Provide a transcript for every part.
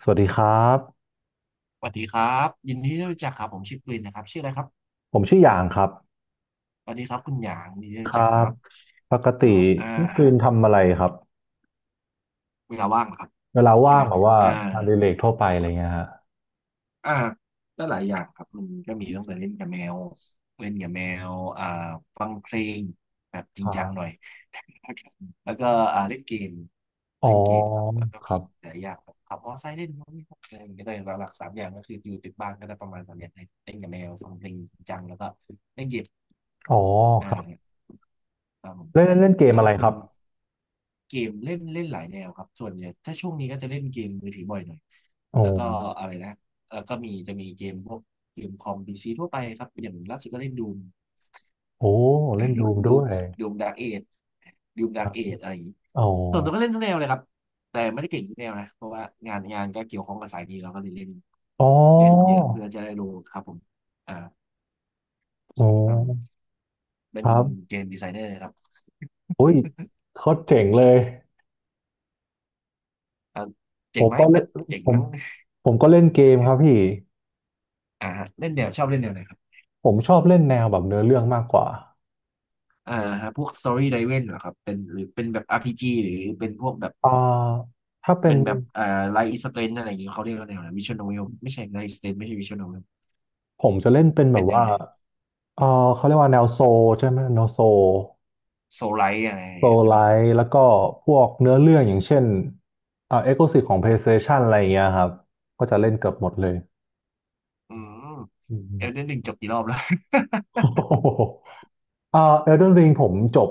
สวัสดีครับสวัสดีครับยินดีที่รู้จักครับผมชื่อกลินนะครับชื่ออะไรครับผมชื่อหยางครับสวัสดีครับคุณหยางยินดีที่ครู้รัจักครับบปกติแล้วพี่กรีนทำอะไรครับเวลาว่างเหรอครับเวลาใช่ว่าไหมงแบบว่าอ่า งานอดิเรกทั่วไปอะไรเงี้ยฮะอ่าก็หลายอย่างครับมันก็มีตั้งแต่เล่นกับแมวอ่าฟังเพลงแบบจริคงรัจังหน่อย บ แล้วก็อ่าเล่นเกมอ๋อเล่นเกมครับแล้วก็คมีรับหลายอย่างแบบขับมอเตอร์ไซค์เล่นนู่นนี่นั่นอะไรอย่างเงี้ยแต่หลักๆสามอย่างก็คืออยู่ติดบ้านก็ได้ประมาณสามอย่างเล่นกับแมวฟังเพลงจริงจังแล้วก็เล่นเกมอ๋ออครับ่าครับผมเล่นเล่นเกมแล้วอะไรคุคณรับเกมเล่นเล่นหลายแนวครับส่วนเนี่ยถ้าช่วงนี้ก็จะเล่นเกมมือถือบ่อยหน่อยโอ้แล้วก็อะไรนะ แล้วก็มีจะมีเกมพวกเกมคอมพีซีทั่วไปครับอย่างล่าสุดก็เล่นดูมโอ้เล่นดูมดูด้มวยดูมดาร์กเอจดูมคดาร์รักบเอจอะไรอย่างนี้อ๋อส่วนตัวก็เล่นทุกแนวเลยครับแต่ไม่ได้เก่งทุกแนวนะเพราะว่างานก็เกี่ยวข้องกับสายนี้เราก็เลยเล่นอ๋อเล่นเยอะเพื่อจะได้รู้ครับผมอ่าอ๋ครับผมอเป็นครับเกมดีไซเนอร์ครับอุ้ยโคตรเจ๋งเลยอ่าเจ๋ผงมไหมก็เล่ก็นเจ๋งผมมั้งผมก็เล่นเกมครับพี่ฮะเล่นแนวชอบเล่นแนวไหนครับผมชอบเล่นแนวแบบเนื้อเรื่องมากกว่าอ่าฮะพวก Story Driven เหรอครับเป็นหรือเป็นแบบ RPG หรือเป็นพวกแบบ อ่าถ้าเป็เป็น นแบบไลท์อิสเตนอะไรอย่างเงี้ยเขาเรียกว่าแนวไหนวิชวลโนเวลไม่ใช่ไลท์อิสเตนไม่ใช่วิชวลโนเวลผมจะเล่นเป็นแบเป็นบแนวว่าไหนเออเขาเรียกว่าแนวโซลใช่ไหม แนวโซลโซไลท์อะไรอย่างโซเงี้ยลใช่ไหไลม ท์ แล้วก็พวกเนื้อเรื่องอย่างเช่น เอ็กซ์คลูซีฟของ PlayStation อะไรอย่างเงี้ยครับ ก็จะเล่นเกือบหมดเลยอืม อืเอมลเดนริงจบกี่รอบแล้ว โอ้โหเอเดนวิงผมจบ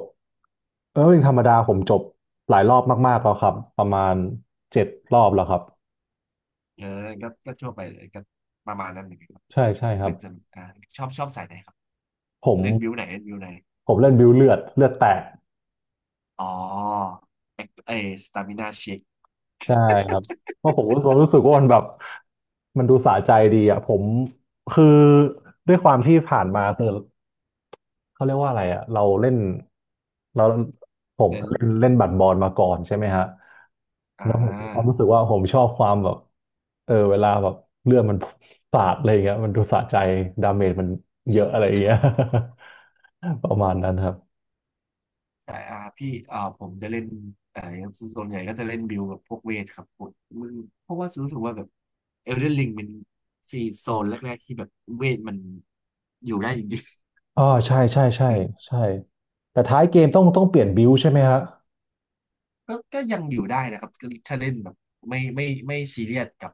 เอลเดนริงธรรมดาผมจบหลายรอบมากๆแล้วครับ ประมาณเจ็ดรอบแล้วครับ เออก็ทั่วไปเลยก็ประมาณนั้นเหมือนกันบใช่ใช่คหรับ นึ่งสำชอบสายไหนครับ ผมเล่นบิวไหนเล่นบิวไหน ผมเล่นบิวเลือดเลือดแตก อ๋อเอเอสตามินาเช็คใช่ครับเพราะผมรู้สึกว่ามันแบบมันดูสะใจดีอ่ะผมคือด้วยความที่ผ่านมาคือเขาเรียกว่าอะไรอ่ะเราเล่นเราผมเล่นเล่นเล่นบัดบอลมาก่อนใช่ไหมฮะอ่า แล้วผมมีความรู้สึกว่าผมชอบความแบบเออเวลาแบบเลือดมันสาดอะไรอย่างเงี้ยมันดูสะใจดาเมจมันเยอะอะไรอย่างเงี้ย ประมาณนั้นครับแต่พี่ผมจะเล่นแต่ส่วนใหญ่ก็จะเล่นบิลกับพวกเวทครับผมมันเพราะว่ารู้สึกว่าแบบเอลเดนริงเป็นซีโซนแรกๆที่แบบเวทมันอยู่ได้จริงๆ อ๋อใช่ใช่ใช่ใช่แต่ท้ายเกมต้องเปลี่ยนบิวใช่ไหมฮะ ก็ยังอยู่ได้นะครับก็ถ้าเล่นแบบไม่ซีเรียสกับ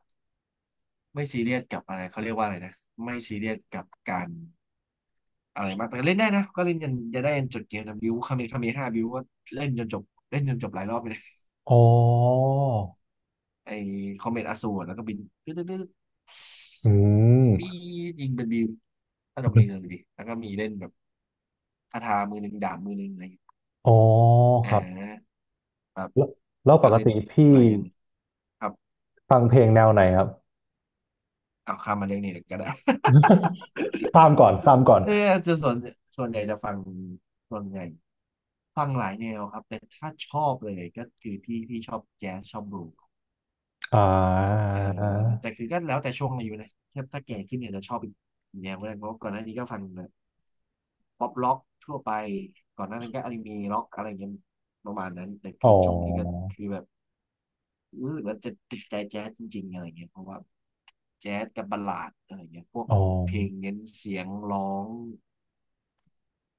ไม่ซีเรียสกับอะไรเขาเรียกว่าอะไรนะไม่ซีเรียสกับการอะไรมากแต่ก็เล่นได้นะก็เล่นจนจะได้จนจบเกมนะบิวคาเมห้าบิวก็เล่นจนจบเล่นจนจบหลายรอบไป อ๋อ ไอ้คอมเมตอสูรแล้วก็บินตึ๊ดตึ๊ดตึ๊ดอืปีมดยิงเป็นบิวถ้าดอกนี้เลยดีแล้วก็มีเล่นแบบคาถามือหนึ่งดาบมือหนึ่งอะไรอย่างเงี้ยอ๋ออ่ครับาครับแล้วแล้วปก็กเล่นติพี่หลายอย่างครับฟังเพลงแนวไหนครับ เอาข้ามมาเรื่องนี้เลยก็ได้ ข้ามก่อนข้ามก่อนเออจะส่วนส่วนใหญ่จะฟังส่วนใหญ่ฟังหลายแนวครับ แต่ถ้าชอบเลยก็คือพี่ชอบแจ๊สชอบบลูส์อ่าเออแต่คือก็แล้วแต่ช่วงอายุนะถ้าแก่ขึ้นเนี่ยจะชอบอีกแนวก็ได้เพราะก่อนหน้านี้ก็ฟัง ป๊อปล็อกทั่วไปก่อนหน้านั้นก็อนิเมะล็อกอะไรเงี้ยประมาณนั้นแต่อ๋คืออช่วงนี้ก็คือแบบรู้สึกว่าจะติดใจแจ๊สจริงๆอะไรเงี้ยเพราะว่าแจ๊สกับบัลลาดอะไรเงี้ยพวกอ๋อเพลงเน้นเสียงร้อง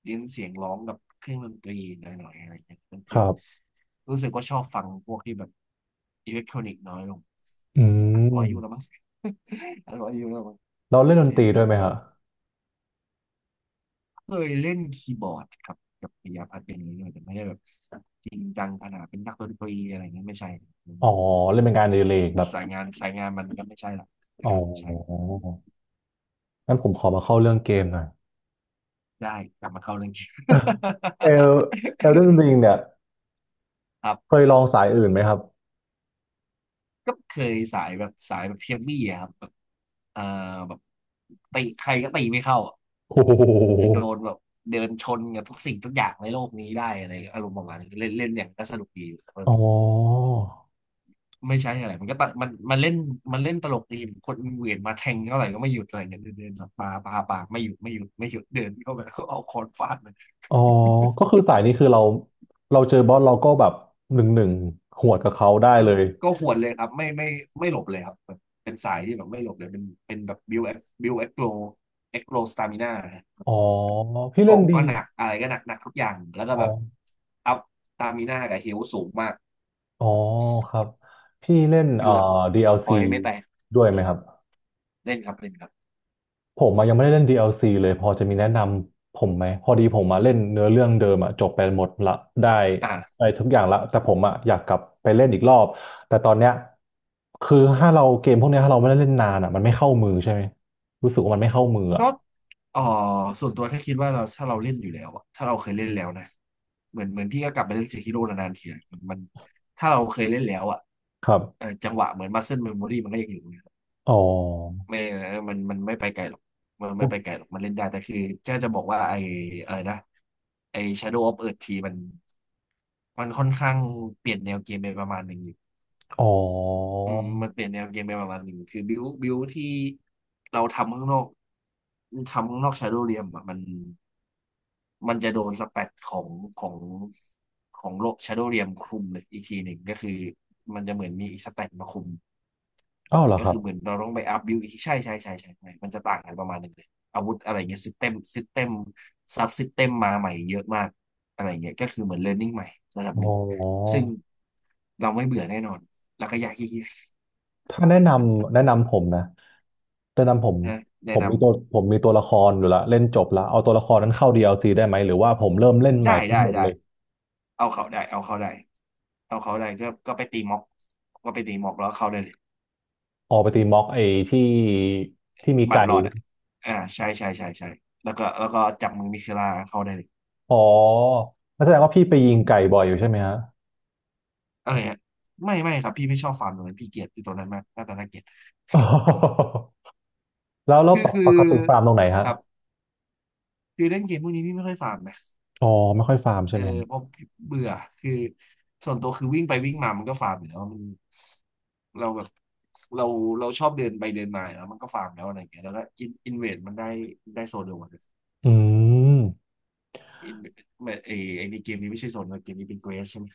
เน้นเสียงร้องกับเครื่องดนตรีหน่อยๆอะไรเงี้ยมันคจึงรับรู้สึกว่าชอบฟังพวกที่แบบอิเล็กทรอนิกส์น้อยลงอือาจจะพออายุแล้วมมั้ง อาจจะพออายุแล้วมั้งเราเล่นดนเออ ตรีด้วยไหมฮะเคยเล่นคีย์บอร์ดครับกับปิยพัฒน์เป็นอย่างนี้ด้วยแต่ไม่ได้แบบจริงจังขนาดเป็นนักดนตรีอะไรเงี้ยไม่ใช่อ๋อเล่นเป็นงานอดิเรกแบบสายงานมันก็ไม่ใช่หรอกอ๋อใช่งั้นผมขอมาเข้าเรื่องเกมหน่อย ได้กลับมาเข้าเรื่อง เอลเอลเดนริงเนี่ยครัเคบยลองสายอื่นไหมครับก็เคยสายแบบเฮฟวี่อะครับแบบเอ่อแบบตีใครก็ตีไม่เข้าอะโอ้โหโดนแบบเดินชนกับทุกสิ่งทุกอย่างในโลกนี้ได้อะไรอารมณ์ประมาณนี้เล่นเล่นอย่างก็สนุกดี อ๋อ ไม่ใช่อะไร มันก็ตะมันเล่นตลกดีคนเหวียนมาแทงเท่าไหร่ก็ไม่หยุดอะไรเงี้ยเดินเดินปากไม่หยุดไม่หยุดไม่หยุดเดินเข้าไปแล้วก็เอาค้อนฟาดมันอ๋อก็คือสายนี้คือเราเราเจอบอสเราก็แบบหนึ่งหนึ่งหวดกับเขาได้ก็เลยก็หวนเลยครับไม่หลบเลยครับแบบเป็นสายที่แบบไม่หลบเลยเป็นแบบบิวเอ็กโกเอ็กโกสตามินาอ๋อพี่เล่นเกาะดีก็หนักอะไรก็หนักหนักทุกอย่างแล้วก็อ๋อแบบอัพสตามินากับเฮลสูงมากอ๋อครับพี่เล่นคือแบบพอ DLC ยไม่แตกด้วยไหมครับเล่นครับเล่นครับผมมายังไม่ได้เล่น DLC เลยพอจะมีแนะนำผมไหมพอดีผมมาเล่นเนื้อเรื่องเดิมอะจบไปหมดละได้อ่า ได้ทุกอย่างละแต่ผมอะอยากกลับไปเล่นอีกรอบแต่ตอนเนี้ยคือถ้าเราเกมพวกเนี้ยถ้าเราไม่ได้เล่นนานอะมันไม่เข้ามือใช่ไหมรู้สึกว่ามันไม่เข้ามือก็อะเออส่วนตัวแค่คิดว่าเราถ้าเราเล่นอยู่แล้วอะถ้าเราเคยเล่นแล้วนะเหมือนพี่ก็กลับไปเล่นเซคิโร่นานๆทีอะมันถ้าเราเคยเล่นแล้วอะครับ จังหวะเหมือนมัสเซิลเมมโมรีมันก็ยังอยู่นะอ๋อไม่มันไม่ไปไกลหรอกมันไม่ไปไกลหรอกมันเล่นได้แต่คือแค่จะบอกว่าไออะไรนะไอ Shadow of Earth ทีมันมันค่อนข้างเปลี่ยนแนวเกมไปประมาณหนึ่ง อ๋ออืมมันเปลี่ยนแนวเกมไปประมาณหนึ่งคือบิวที่เราทำข้างนอกทำข้างนอกชาโดว์เรียมอะมันมันจะโดนสแปดของของโลกชาโดว์เรียมคุมเลยอีกทีหนึ่งก็คือมันจะเหมือนมีอีกสแปดมาคุมอ้าวเหรอก็ครัคืบอเหมือนเราต้องไปอัพบิวอีกทีใช่ใช่ใช่ใช่ใช่มันจะต่างกันประมาณหนึ่งเลยอาวุธอะไรเงี้ยซิสเต็มซับซิสเต็มมาใหม่เยอะมากอะไรเงี้ยก็คือเหมือนเรียนรู้ใหม่ระดับอ๋หนึ่งซึ่องเราไม่เบื่อแน่นอนแล้วก็อยากขี้เกียจ ถ้าแนะนำแนะนำผมนะแนะนำผมนะแนะผมนมีตัวผมมีตัวละครอยู่ละเล่นจบละเอาตัวละครนั้นเข้า DLC ได้ไหมหรือว่าผมเริ่มเล่นำใหได้ม่ทั้ได้งหมดได้เลยเอาเขาได้เอาเขาได้เอาเขาได้ก็ก็ไปตีม็อกก็ไปตีม็อกแล้วเขาได้เลยออกไปตีม็อกไอ้ที่ที่มีบัตไก่รรอดอ่ะอ่าใช่ใช่ใช่ใช่แล้วก็แล้วก็จับมือมิเคลาเขาได้เลยอ๋องั้นแสดงว่าพี่ไปยิอืงมไก่บ่อยอยู่ใช่ไหมฮะ อะไรฮะไม่ไม่ครับพี่ไม่ชอบฟาร์มตรงนั้นพี่เกลียดตัวนั้นมากหน้าตาน่าเกลียด แล้วแล้วคือปกคืปอกติฟาร์มตรงไหนคฮะรับคือเล่นเกมพวกนี้พี่ไม่ค่อยฟาร์มนะ อ๋อไม่ค่อยฟาร์มเอใช่อไหมเพราะเบื่อคือส่วนตัวคือวิ่งไปวิ่งมามันก็ฟาร์มอยู่แล้วมันเราแบบเราเราชอบเดินไปเดินมาแล้วมันก็ฟาร์มแล้วอะไรอย่างเงี้ยแล้วก็อินเวสมันได้ได้โซนเดียวกันอืมอินเวดเอไอในเกมนี้ไม่ใช่โซนเกมนี้เป็นเกรสใช่ไหม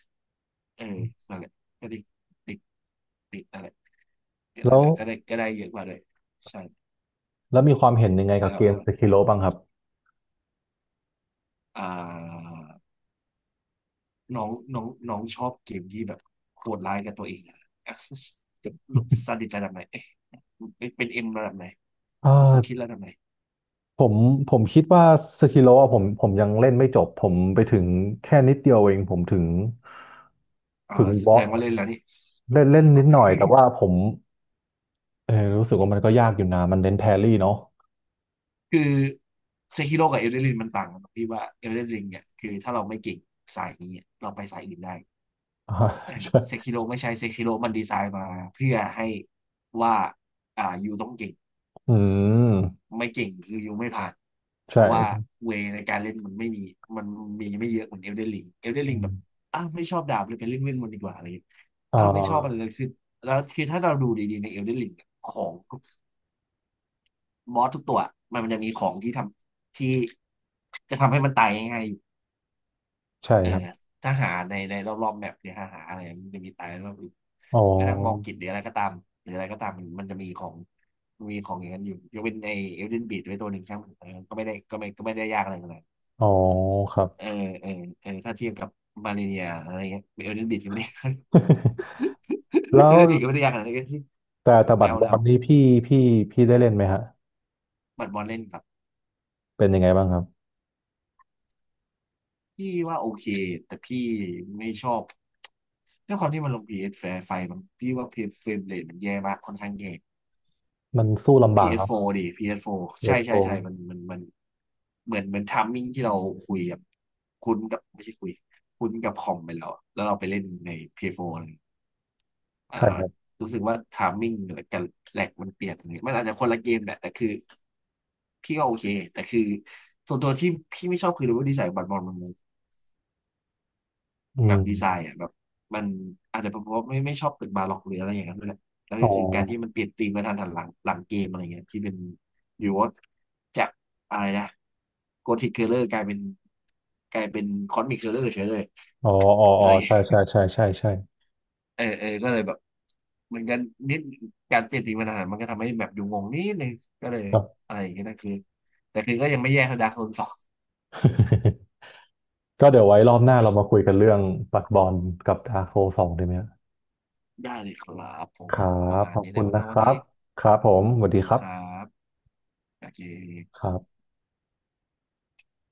เออนั่นแหละก็ติดติดนั่นแหละก็นั่แล้นแหวละก็ได้ก็ได้เยอะกว่าเลยใช่แล้วมีความเห็นยังไงกับแล้วเกแล้มวสกิโลบ้างครับอ่าน้องน้องน้องชอบเกมที่แบบโหดร้ายกับตัวเองอะ a c c s s ซาดิสระดับไหนเอ๊ะเป็นเอ็มระดับไหน อ่ว่าโซคิดา แล้วทำไมผมผมคิดว่าสกิโลอะผมยังเล่นไม่จบผมไปถึงแค่นิดเดียวเองผมถึงอ๋อถึงแสบดองสว่าเล่นแล้วนี่เล่นเล่นนิดหน่อยแต่ว่าผมเออรู้สึกว่ามันก็ยากอยู่นะมันเน้นแพรรี่เนาะ คือเซคิโร่กับเอลเดนริงมันต่างกันตรงที่ว่าเอลเดนริงเนี่ยคือถ้าเราไม่เก่งสายนี้เราไปสายอื่นได้ อ่าแต่ใช่เซคิโร่ไม่ใช่เซคิโร่มันดีไซน์มาเพื่อให้ว่าอ่ายูต้องเก่งอืมไม่เก่งคือยูไม่ผ่านใชเพราะว่า่เวในการเล่นมันไม่มีมันมีไม่เยอะเหมือนเอลเดนริงเอลเดนริอืงแบมบอ้าวไม่ชอบดาบเลยไปเล่นเวทมนต์ดีกว่าอะไรอย่างเงี้ยอ่อ้าวไม่ชอบอะไรเลายคือแล้วคือถ้าเราดูดีๆในเอลเดนริงของ บอสทุกตัวมันมันจะมีของที่ทำที่จะทำให้มันตายง่ายๆอยู่ใช่เออครับถ้าหาในในรอบๆแมปหรือหาหาอะไรมันจะมีตายรอบอื่นอ๋อกระทั้งมองกิจหรืออะไรก็ตามหรืออะไรก็ตามมันมันจะมีของมันมีของอย่างนั้นอยู่ยกเป็นไอเอลเดนบีดไว้ตัวหนึ่งช่างมันเออก็ไม่ได้ก็ไม่ก็ไม่ได้ยากอะไรขนาดนั้นอ๋อครับ เออเออเออถ้าเทียบกับมาเลเนียอะไรเงี้ยเอลเดนบีดก็ไม่ได้ แล้เอลวเดนบีดก็ ไม่ได้ยากขนาดนั้นก็สิแต่แต่บัแล้ตวรบอแล้วลนี้พี่พี่พี่ได้เล่นไหมฮะบัดบอลเล่นกับเป็นยังไงบ้างครับพี่ว่าโอเคแต่พี่ไม่ชอบ ด้วยความที่มันลง PS ไไฟมันพี่ว่า PS เอสเฟรมเรทมันแย่มากค่อนข้างแย่ มันสู้ลำบากครับ PS4 ดิ PS4 เวใช่ทโทใช่ใช่มันเหมือนทัมมิ่งที่เราคุยกับคุ้นกับไม่ใช่คุยคุ้นกับคอมไปแล้วอะแล้วเราไปเล่นใน PS4 เอสโฟร์เลยอ่าใช่ครับรู้สึกว่าทัมมิ่งเหนือกันแหลกมันเปลี่ยนเลยมันอาจจะคนละเกมแหละแต่คือพี่ก็โอเคแต่คือส่วนตัวที่พี่ไม่ชอบคือรู้ว่าดีไซน์บัตรบอลมัน อืแบบมดีไซน์อ่ะแบบมันอาจจะเป็นเพราะไม่ชอบตึกบาร็อกหรืออะไรอย่างนั้นด้วยแหละแล้วอ๋อ ก็คือการที่มันเปลี่ยนธีมมาทันหันหลังหลังเกมอะไรเงี้ยที่เป็นอยู่ว่าจากอะไรนะโกธิคเคอร์เลอร์กลายเป็นกลายเป็นคอสมิคเคอร์เลอร์เฉยเลยอ๋ออ๋ออะอ๋ไรอเงี้ยใช่ใช่ใช่ใช่ใช่เออเออก็เลยแบบเหมือนกันนิดการเปลี่ยนธีมมาทันหันหลังมันก็ทำให้แบบอยู่งงนิดนึงก็เลยก็ อะไรอย่างเงี้ยนั่นคือแต่คือก็ยังไม่แย่เท่าดาร์คโซนสอง ก็เดี๋ยวไว้รอบหน้าเรามาคุยกันเรื่องปัดบอลกับดาร์โซสองไดีไหมครัได้เลยครับผมประบ มาณขอบนี้คุแล้ณวนะนะควันรันี้บ ครับผมสวัสสดีวัสคดีรัคบรับโอเคครับ